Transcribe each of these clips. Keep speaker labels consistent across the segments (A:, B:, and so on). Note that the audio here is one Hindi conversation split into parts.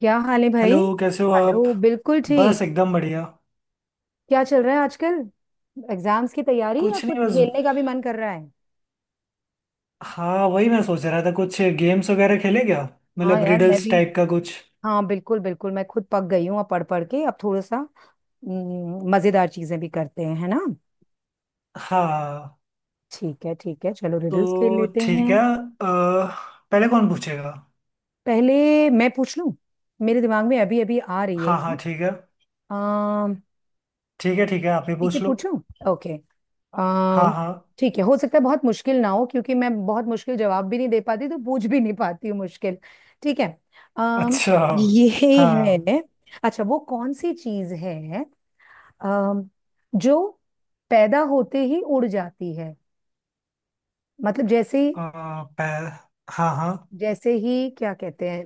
A: क्या हाल है भाई।
B: हेलो, कैसे हो आप।
A: हेलो, बिल्कुल
B: बस
A: ठीक।
B: एकदम बढ़िया।
A: क्या चल रहा है आजकल? एग्जाम्स की तैयारी या
B: कुछ
A: कुछ
B: नहीं बस।
A: खेलने का भी मन कर रहा है?
B: हाँ, वही मैं सोच रहा था कुछ गेम्स वगैरह खेले क्या।
A: हाँ
B: मतलब
A: यार, मैं
B: रिडल्स
A: भी।
B: टाइप का कुछ।
A: हाँ बिल्कुल बिल्कुल, मैं खुद पक गई हूँ अब पढ़ पढ़ के। अब थोड़ा सा मज़ेदार चीज़ें भी करते हैं, है ना।
B: हाँ
A: ठीक है, ठीक है, चलो रिडल्स खेल
B: तो
A: लेते
B: ठीक
A: हैं।
B: है। पहले कौन पूछेगा।
A: पहले मैं पूछ लूँ, मेरे दिमाग में अभी अभी आ रही है।
B: हाँ हाँ ठीक है।
A: अम,
B: ठीक है ठीक है, आप ही
A: ठीक है,
B: पूछ लो।
A: पूछूं। ओके।
B: हाँ
A: अम,
B: हाँ।
A: ठीक है, हो सकता है बहुत मुश्किल ना हो, क्योंकि मैं बहुत मुश्किल जवाब भी नहीं दे पाती तो पूछ भी नहीं पाती हूँ मुश्किल। ठीक है। अम
B: अच्छा।
A: ये
B: हाँ।
A: है। अच्छा, वो कौन सी चीज है अम जो पैदा होते ही उड़ जाती है? मतलब जैसे ही,
B: अह, पह, हाँ हाँ।
A: जैसे ही क्या कहते हैं,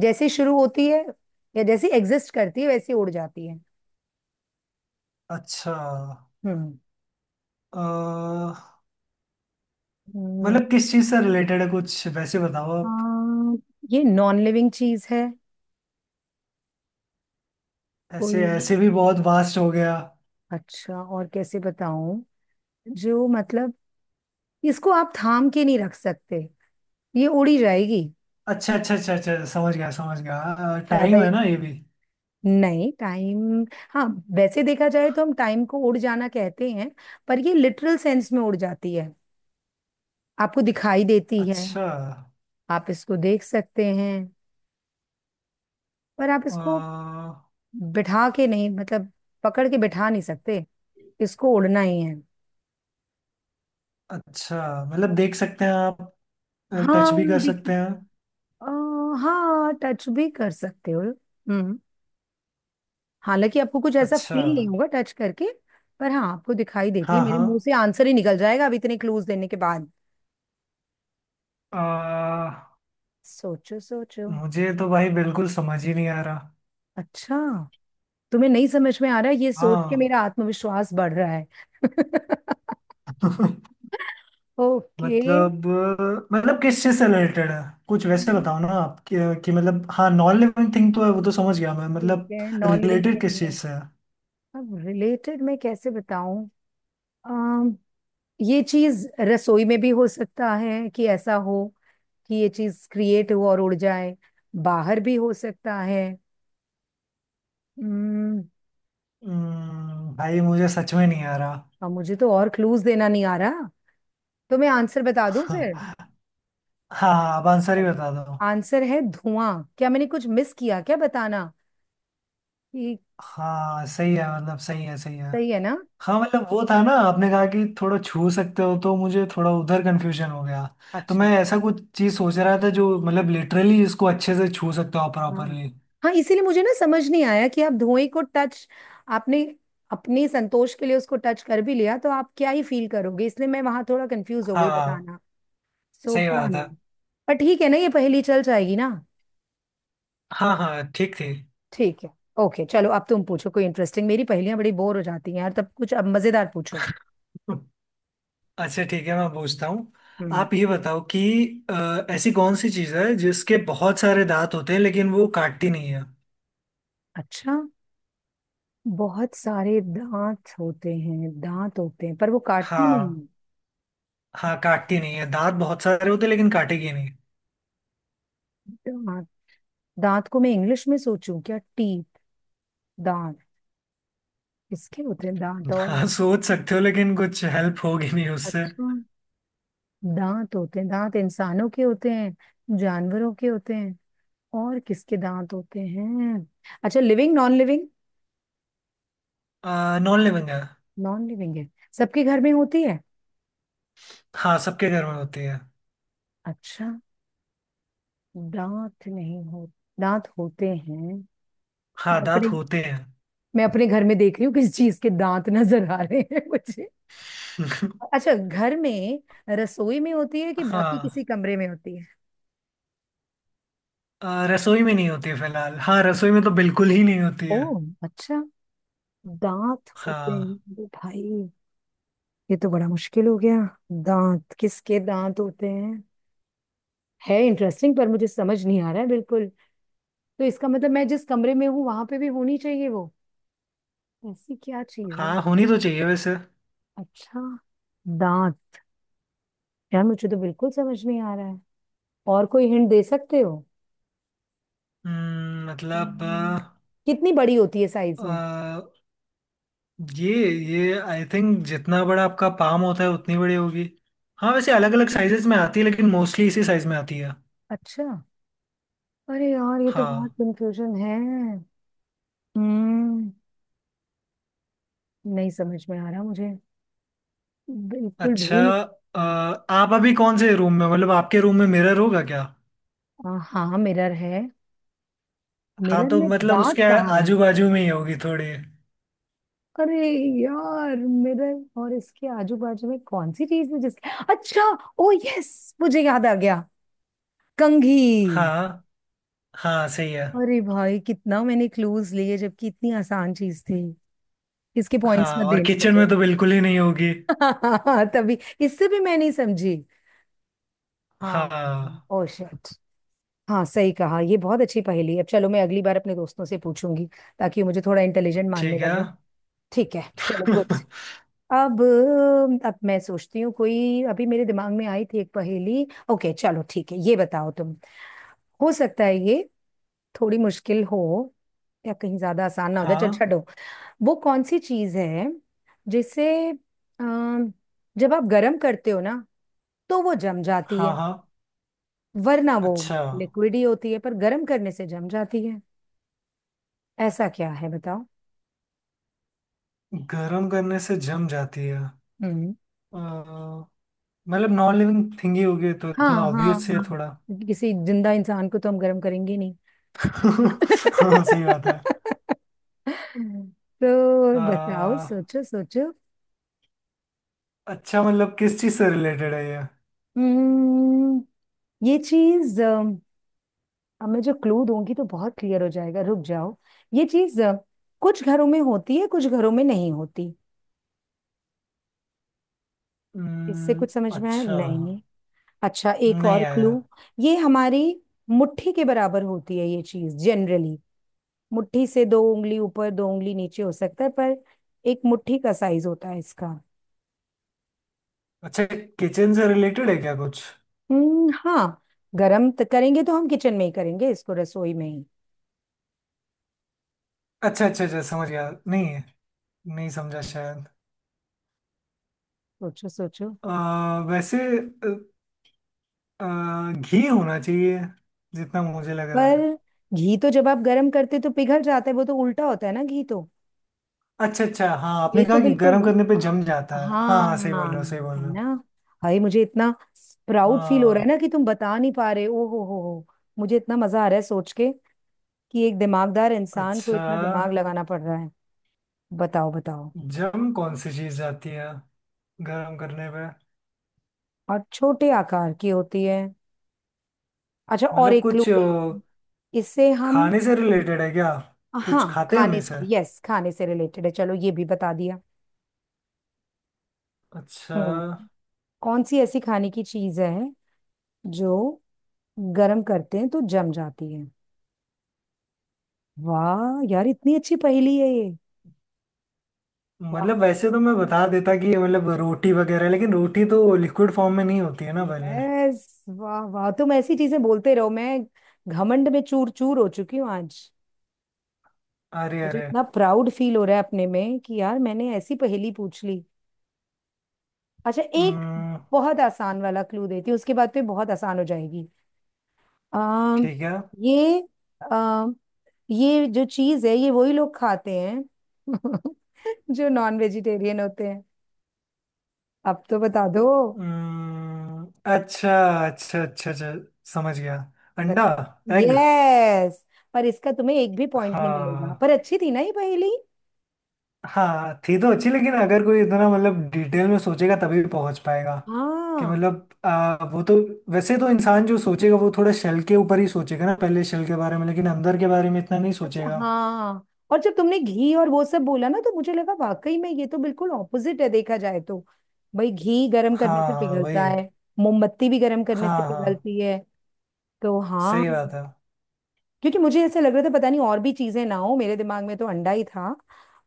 A: जैसे ही शुरू होती है या जैसे एग्जिस्ट करती है वैसे ही उड़ जाती है।
B: अच्छा।
A: हम्म
B: अह,
A: हम्म,
B: मतलब किस चीज़ से रिलेटेड है कुछ वैसे बताओ आप।
A: अम, ये नॉन लिविंग चीज है। कोई,
B: ऐसे ऐसे भी बहुत वास्ट हो गया।
A: अच्छा और कैसे बताऊं, जो मतलब इसको आप थाम के नहीं रख सकते, ये उड़ी जाएगी।
B: अच्छा अच्छा अच्छा अच्छा, समझ गया समझ गया।
A: ज्यादा
B: टाइम
A: ही
B: है ना ये भी।
A: नहीं, टाइम, हाँ, वैसे देखा जाए तो हम टाइम को उड़ जाना कहते हैं, पर ये लिटरल सेंस में उड़ जाती है। आपको दिखाई देती है,
B: अच्छा।
A: आप इसको देख सकते हैं, पर आप इसको
B: अ,
A: बिठा के नहीं, मतलब पकड़ के बिठा नहीं सकते, इसको उड़ना ही है।
B: अच्छा मतलब देख सकते हैं आप।
A: हाँ,
B: टच भी कर
A: दिख,
B: सकते हैं।
A: आ, हाँ, टच भी कर सकते हो। हम्म, हालांकि आपको कुछ ऐसा
B: अच्छा।
A: फील नहीं होगा टच करके, पर हाँ, आपको दिखाई देती है।
B: हाँ
A: मेरे
B: हाँ।
A: मुंह से आंसर ही निकल जाएगा अब इतने क्लूज देने के बाद।
B: अ,
A: सोचो सोचो।
B: मुझे तो भाई बिल्कुल समझ ही नहीं आ रहा।
A: अच्छा, तुम्हें नहीं समझ में आ रहा है, ये सोच के
B: हाँ।
A: मेरा आत्मविश्वास बढ़ रहा है। ओके,
B: मतलब मतलब किस चीज से रिलेटेड है कुछ वैसे बताओ ना आप कि मतलब हाँ नॉन लिविंग थिंग तो है, वो तो समझ गया मैं।
A: ठीक
B: मतलब
A: है, नॉन लिविंग
B: रिलेटेड
A: थिंग
B: किस
A: है।
B: चीज से है।
A: अब रिलेटेड मैं कैसे बताऊं, अम, ये चीज रसोई में भी हो सकता है कि ऐसा हो कि ये चीज क्रिएट हो और उड़ जाए, बाहर भी हो सकता है।
B: भाई मुझे सच में नहीं आ रहा।
A: अब मुझे तो और क्लूज देना नहीं आ रहा, तो मैं आंसर बता दूं फिर।
B: हाँ, आप आंसर ही
A: चलो,
B: बता दो।
A: आंसर है धुआं। क्या मैंने कुछ मिस किया, क्या बताना कि
B: हाँ सही है, मतलब सही है सही है।
A: सही है ना?
B: हाँ मतलब वो था ना, आपने कहा कि थोड़ा छू सकते हो, तो मुझे थोड़ा उधर कंफ्यूजन हो गया। तो
A: अच्छा,
B: मैं ऐसा कुछ चीज सोच रहा था जो मतलब लिटरली इसको अच्छे से छू सकता हो
A: हाँ
B: प्रॉपरली।
A: हाँ, इसीलिए मुझे ना समझ नहीं आया कि आप धुएं को टच, आपने अपने संतोष के लिए उसको टच कर भी लिया तो आप क्या ही फील करोगे, इसलिए मैं वहां थोड़ा कंफ्यूज हो गई
B: हाँ
A: बताना। सो
B: सही
A: पता
B: बात है।
A: नहीं, पर ठीक है ना, ये पहेली चल जाएगी ना।
B: हाँ हाँ ठीक थी।
A: ठीक है। ओके चलो, अब तुम पूछो कोई इंटरेस्टिंग, मेरी पहेलियां बड़ी बोर हो जाती हैं यार, तब कुछ अब मजेदार पूछो।
B: अच्छा ठीक है मैं पूछता हूँ।
A: हम्म।
B: आप ये बताओ कि ऐसी कौन सी चीज है जिसके बहुत सारे दांत होते हैं लेकिन वो काटती नहीं है।
A: अच्छा, बहुत सारे दांत होते हैं, दांत होते हैं पर वो काटते नहीं
B: हाँ
A: हैं।
B: हाँ काटती नहीं है, दांत बहुत सारे होते हैं लेकिन काटेगी नहीं।
A: दांत, दांत को मैं इंग्लिश में सोचूं क्या, टीथ। दांत किसके होते हैं दांत, और
B: हाँ सोच सकते हो लेकिन कुछ हेल्प होगी नहीं उससे।
A: अच्छा, दांत होते हैं। दांत इंसानों के होते हैं, जानवरों के होते हैं, और किसके दांत होते हैं? अच्छा, living non living?
B: Non living है।
A: नॉन लिविंग है। सबके घर में होती है।
B: हाँ सबके घर में होती है।
A: अच्छा, दांत नहीं हो, दांत होते हैं।
B: हाँ
A: मैं
B: दांत
A: अपने
B: होते हैं।
A: मैं अपने घर में देख रही हूँ किस चीज के दांत नजर आ रहे हैं मुझे। अच्छा, घर में रसोई में होती है कि बाकी
B: हाँ।
A: किसी कमरे में होती है?
B: रसोई में नहीं होती है फिलहाल। हाँ रसोई में तो बिल्कुल ही नहीं होती है।
A: ओह, अच्छा, दांत होते हैं।
B: हाँ
A: अरे भाई, ये तो बड़ा मुश्किल हो गया। दांत, किसके दांत होते हैं? है इंटरेस्टिंग, पर मुझे समझ नहीं आ रहा है बिल्कुल। तो इसका मतलब मैं जिस कमरे में हूँ वहां पे भी होनी चाहिए वो, ऐसी क्या चीज है?
B: हाँ होनी तो चाहिए वैसे।
A: अच्छा, दांत। यार, मुझे तो बिल्कुल समझ नहीं आ रहा है, और कोई हिंट दे सकते हो?
B: मतलब
A: हम्म,
B: आ,
A: कितनी बड़ी होती है साइज में?
B: आ, ये ये आई थिंक जितना बड़ा आपका पाम होता है उतनी बड़ी होगी। हाँ वैसे अलग अलग साइजेस में आती है लेकिन मोस्टली इसी साइज में आती है।
A: अच्छा, अरे यार, ये तो बहुत
B: हाँ।
A: कंफ्यूजन है। हम्म, नहीं समझ में आ रहा मुझे, बिल्कुल भी
B: अच्छा।
A: नहीं समझ
B: आप अभी कौन से रूम में, मतलब आपके रूम में मिरर होगा क्या।
A: में आ रहा। हाँ मिरर है,
B: हाँ
A: मिरर
B: तो
A: में
B: मतलब
A: दांत
B: उसके
A: कहाँ है?
B: आजू बाजू में ही होगी थोड़ी।
A: अरे यार, मिरर और इसके आजू बाजू में कौन सी चीज है जिसके, अच्छा, ओ यस, मुझे याद आ गया, कंघी।
B: हाँ हाँ सही है।
A: अरे भाई, कितना मैंने क्लूज लिए जबकि इतनी आसान चीज थी, इसके पॉइंट्स
B: हाँ
A: मत
B: और
A: देना
B: किचन में
A: मुझे।
B: तो बिल्कुल ही नहीं होगी।
A: तभी, इससे भी मैं नहीं समझी। हाँ।
B: हाँ
A: ओ शिट, हाँ सही कहा, ये बहुत अच्छी पहेली है। अब चलो, मैं अगली बार अपने दोस्तों से पूछूंगी, ताकि वो मुझे थोड़ा इंटेलिजेंट मानने
B: ठीक है।
A: लगे। ठीक है, चलो गुड। अब अब मैं सोचती हूँ, कोई अभी मेरे दिमाग में आई थी एक पहेली। ओके चलो ठीक है, ये बताओ तुम। हो सकता है ये थोड़ी मुश्किल हो, या कहीं ज्यादा आसान ना हो जाए, चलो
B: हाँ
A: छोड़ो। वो कौन सी चीज है जिसे अम, जब आप गर्म करते हो ना तो वो जम जाती
B: हाँ
A: है,
B: हाँ।
A: वरना वो
B: अच्छा,
A: लिक्विड ही होती है, पर गर्म करने से जम जाती है? ऐसा क्या है बताओ।
B: गर्म करने से जम जाती है।
A: हम्म,
B: अ, मतलब नॉन लिविंग थिंग ही होगी तो,
A: हाँ
B: इतना
A: हाँ
B: ऑब्वियस है
A: हाँ,
B: थोड़ा।
A: किसी जिंदा इंसान को तो हम गर्म करेंगे नहीं।
B: हाँ सही बात है।
A: तो
B: अ,
A: बताओ, सोचो सोचो।
B: अच्छा मतलब किस चीज़ से रिलेटेड है ये।
A: हम्म। ये चीज अब मैं जो क्लू दूंगी तो बहुत क्लियर हो जाएगा, रुक जाओ। ये चीज कुछ घरों में होती है, कुछ घरों में नहीं होती। इससे
B: हम्म।
A: कुछ समझ में आया
B: अच्छा।
A: नहीं? अच्छा, एक
B: नहीं
A: और
B: आया।
A: क्लू। ये हमारी मुट्ठी के बराबर होती है ये चीज जनरली, मुट्ठी से दो उंगली ऊपर दो उंगली नीचे हो सकता है, पर एक मुट्ठी का साइज होता है इसका।
B: अच्छा किचन से रिलेटेड है क्या कुछ।
A: हाँ, गरम तो करेंगे तो हम किचन में ही करेंगे इसको, रसोई में ही।
B: अच्छा अच्छा अच्छा समझ गया, नहीं है। नहीं समझा शायद।
A: सोचो सोचो।
B: अ, वैसे घी होना चाहिए, जितना मुझे लग रहा
A: पर
B: है।
A: घी तो जब आप गरम करते तो पिघल जाता है, वो तो उल्टा होता है ना, घी तो,
B: अच्छा अच्छा, हाँ आपने
A: ये तो
B: कहा कि
A: बिल्कुल
B: गर्म
A: नो-,
B: करने पे जम जाता है। हाँ
A: हाँ,
B: हाँ सही बोल रहे हो सही बोल
A: है
B: रहे हो।
A: ना। भाई, मुझे इतना प्राउड फील हो रहा है ना
B: हाँ।
A: कि तुम बता नहीं पा रहे, ओ हो हो। मुझे इतना मजा आ रहा है सोच के कि एक दिमागदार इंसान को
B: अच्छा
A: इतना दिमाग लगाना पड़ रहा है। बताओ बताओ।
B: जम कौन सी चीज जाती है गर्म करने पे।
A: और छोटे आकार की होती है। अच्छा, और
B: मतलब
A: एक क्लू
B: कुछ
A: देती हूँ। इससे हम,
B: खाने से रिलेटेड है क्या।
A: हाँ
B: कुछ खाते हैं
A: खाने से,
B: हमेशा।
A: यस खाने से रिलेटेड है, चलो ये भी बता दिया।
B: अच्छा।
A: हम्म, कौन सी ऐसी खाने की चीज है जो गर्म करते हैं तो जम जाती है? वाह यार, इतनी अच्छी पहेली है ये। वाह,
B: मतलब वैसे तो मैं बता देता कि ये मतलब रोटी वगैरह, लेकिन रोटी तो लिक्विड फॉर्म में नहीं होती है ना पहले।
A: यस वाह वाह, तुम ऐसी चीजें बोलते रहो, मैं घमंड में चूर चूर हो चुकी हूँ आज।
B: अरे
A: मुझे
B: अरे।
A: इतना प्राउड फील हो रहा है अपने में कि यार मैंने ऐसी पहेली पूछ ली। अच्छा, एक
B: हम्म,
A: बहुत आसान वाला क्लू देती हूँ, उसके बाद तो ये बहुत आसान हो जाएगी। आ,
B: ठीक है।
A: ये, आ, ये जो चीज है ये वही लोग खाते हैं जो नॉन वेजिटेरियन होते हैं। अब तो बता दो।
B: हम्म, अच्छा अच्छा अच्छा अच्छा, समझ गया। अंडा।
A: बताओ,
B: एग।
A: यस। पर इसका तुम्हें एक भी पॉइंट नहीं मिलेगा,
B: हाँ।
A: पर अच्छी थी ना ये पहेली।
B: हाँ थी तो अच्छी, लेकिन अगर कोई इतना मतलब डिटेल में सोचेगा तभी पहुंच पाएगा कि
A: हाँ
B: मतलब वो तो वैसे तो इंसान जो सोचेगा वो थोड़ा शेल के ऊपर ही सोचेगा ना पहले, शेल के बारे में, लेकिन अंदर के बारे में इतना नहीं
A: अच्छा,
B: सोचेगा।
A: हाँ, और जब तुमने घी और वो सब बोला ना तो मुझे लगा वाकई में ये तो बिल्कुल ऑपोजिट है देखा जाए तो। भाई, घी गर्म करने
B: हाँ
A: से
B: हाँ वही।
A: पिघलता है, मोमबत्ती भी गर्म करने से
B: हाँ हाँ
A: पिघलती है, तो हाँ।
B: सही बात है।
A: क्योंकि मुझे ऐसा लग रहा था, पता नहीं और भी चीजें ना हो मेरे दिमाग में, तो अंडा ही था।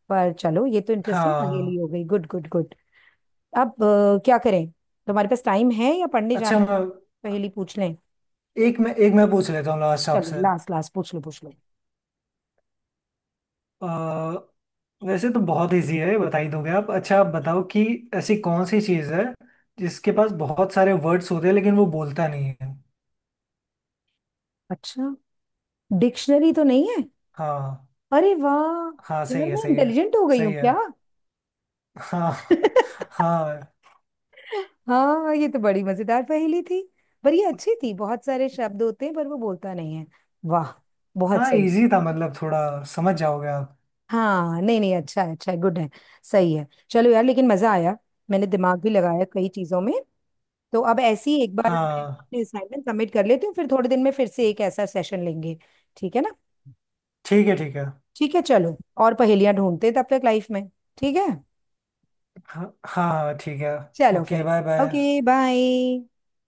A: पर चलो, ये तो इंटरेस्टिंग पहेली
B: हाँ।
A: हो गई, गुड गुड गुड। अब क्या करें, तुम्हारे पास टाइम है या पढ़ने
B: अच्छा
A: जाना है?
B: मैं
A: पहेली पूछ लें?
B: एक मैं पूछ लेता हूँ लास्ट
A: चलो
B: आपसे।
A: लास्ट, लास्ट पूछ लो पूछ लो।
B: अ, वैसे तो बहुत इजी है बता ही दोगे आप। अच्छा आप बताओ कि ऐसी कौन सी चीज़ है जिसके पास बहुत सारे वर्ड्स होते हैं लेकिन वो बोलता नहीं है।
A: अच्छा, डिक्शनरी तो नहीं है?
B: हाँ।
A: अरे वाह,
B: हाँ
A: यार
B: सही है
A: मैं
B: सही है
A: इंटेलिजेंट हो गई
B: सही
A: हूँ
B: है।
A: क्या।
B: हाँ। हाँ।
A: हाँ, ये तो बड़ी मजेदार पहेली थी। पर ये अच्छी थी, बहुत सारे शब्द होते हैं पर वो बोलता नहीं है। वाह, बहुत
B: हाँ
A: सही।
B: इजी था, मतलब थोड़ा समझ जाओगे आप।
A: हाँ नहीं नहीं, अच्छा है अच्छा है, गुड है। सही है। चलो यार, लेकिन मजा आया, मैंने दिमाग भी लगाया कई चीजों में। तो अब ऐसी, एक बार मैं
B: हाँ
A: अपने असाइनमेंट सबमिट कर लेती हूँ, फिर थोड़े दिन में फिर से एक ऐसा सेशन लेंगे। ठीक है ना?
B: ठीक है ठीक है।
A: ठीक है चलो, और पहेलियां ढूंढते हैं तब तक लाइफ में। ठीक है।
B: हाँ हाँ हाँ, ठीक है।
A: चलो
B: ओके
A: फिर,
B: बाय
A: ओके
B: बाय।
A: बाय।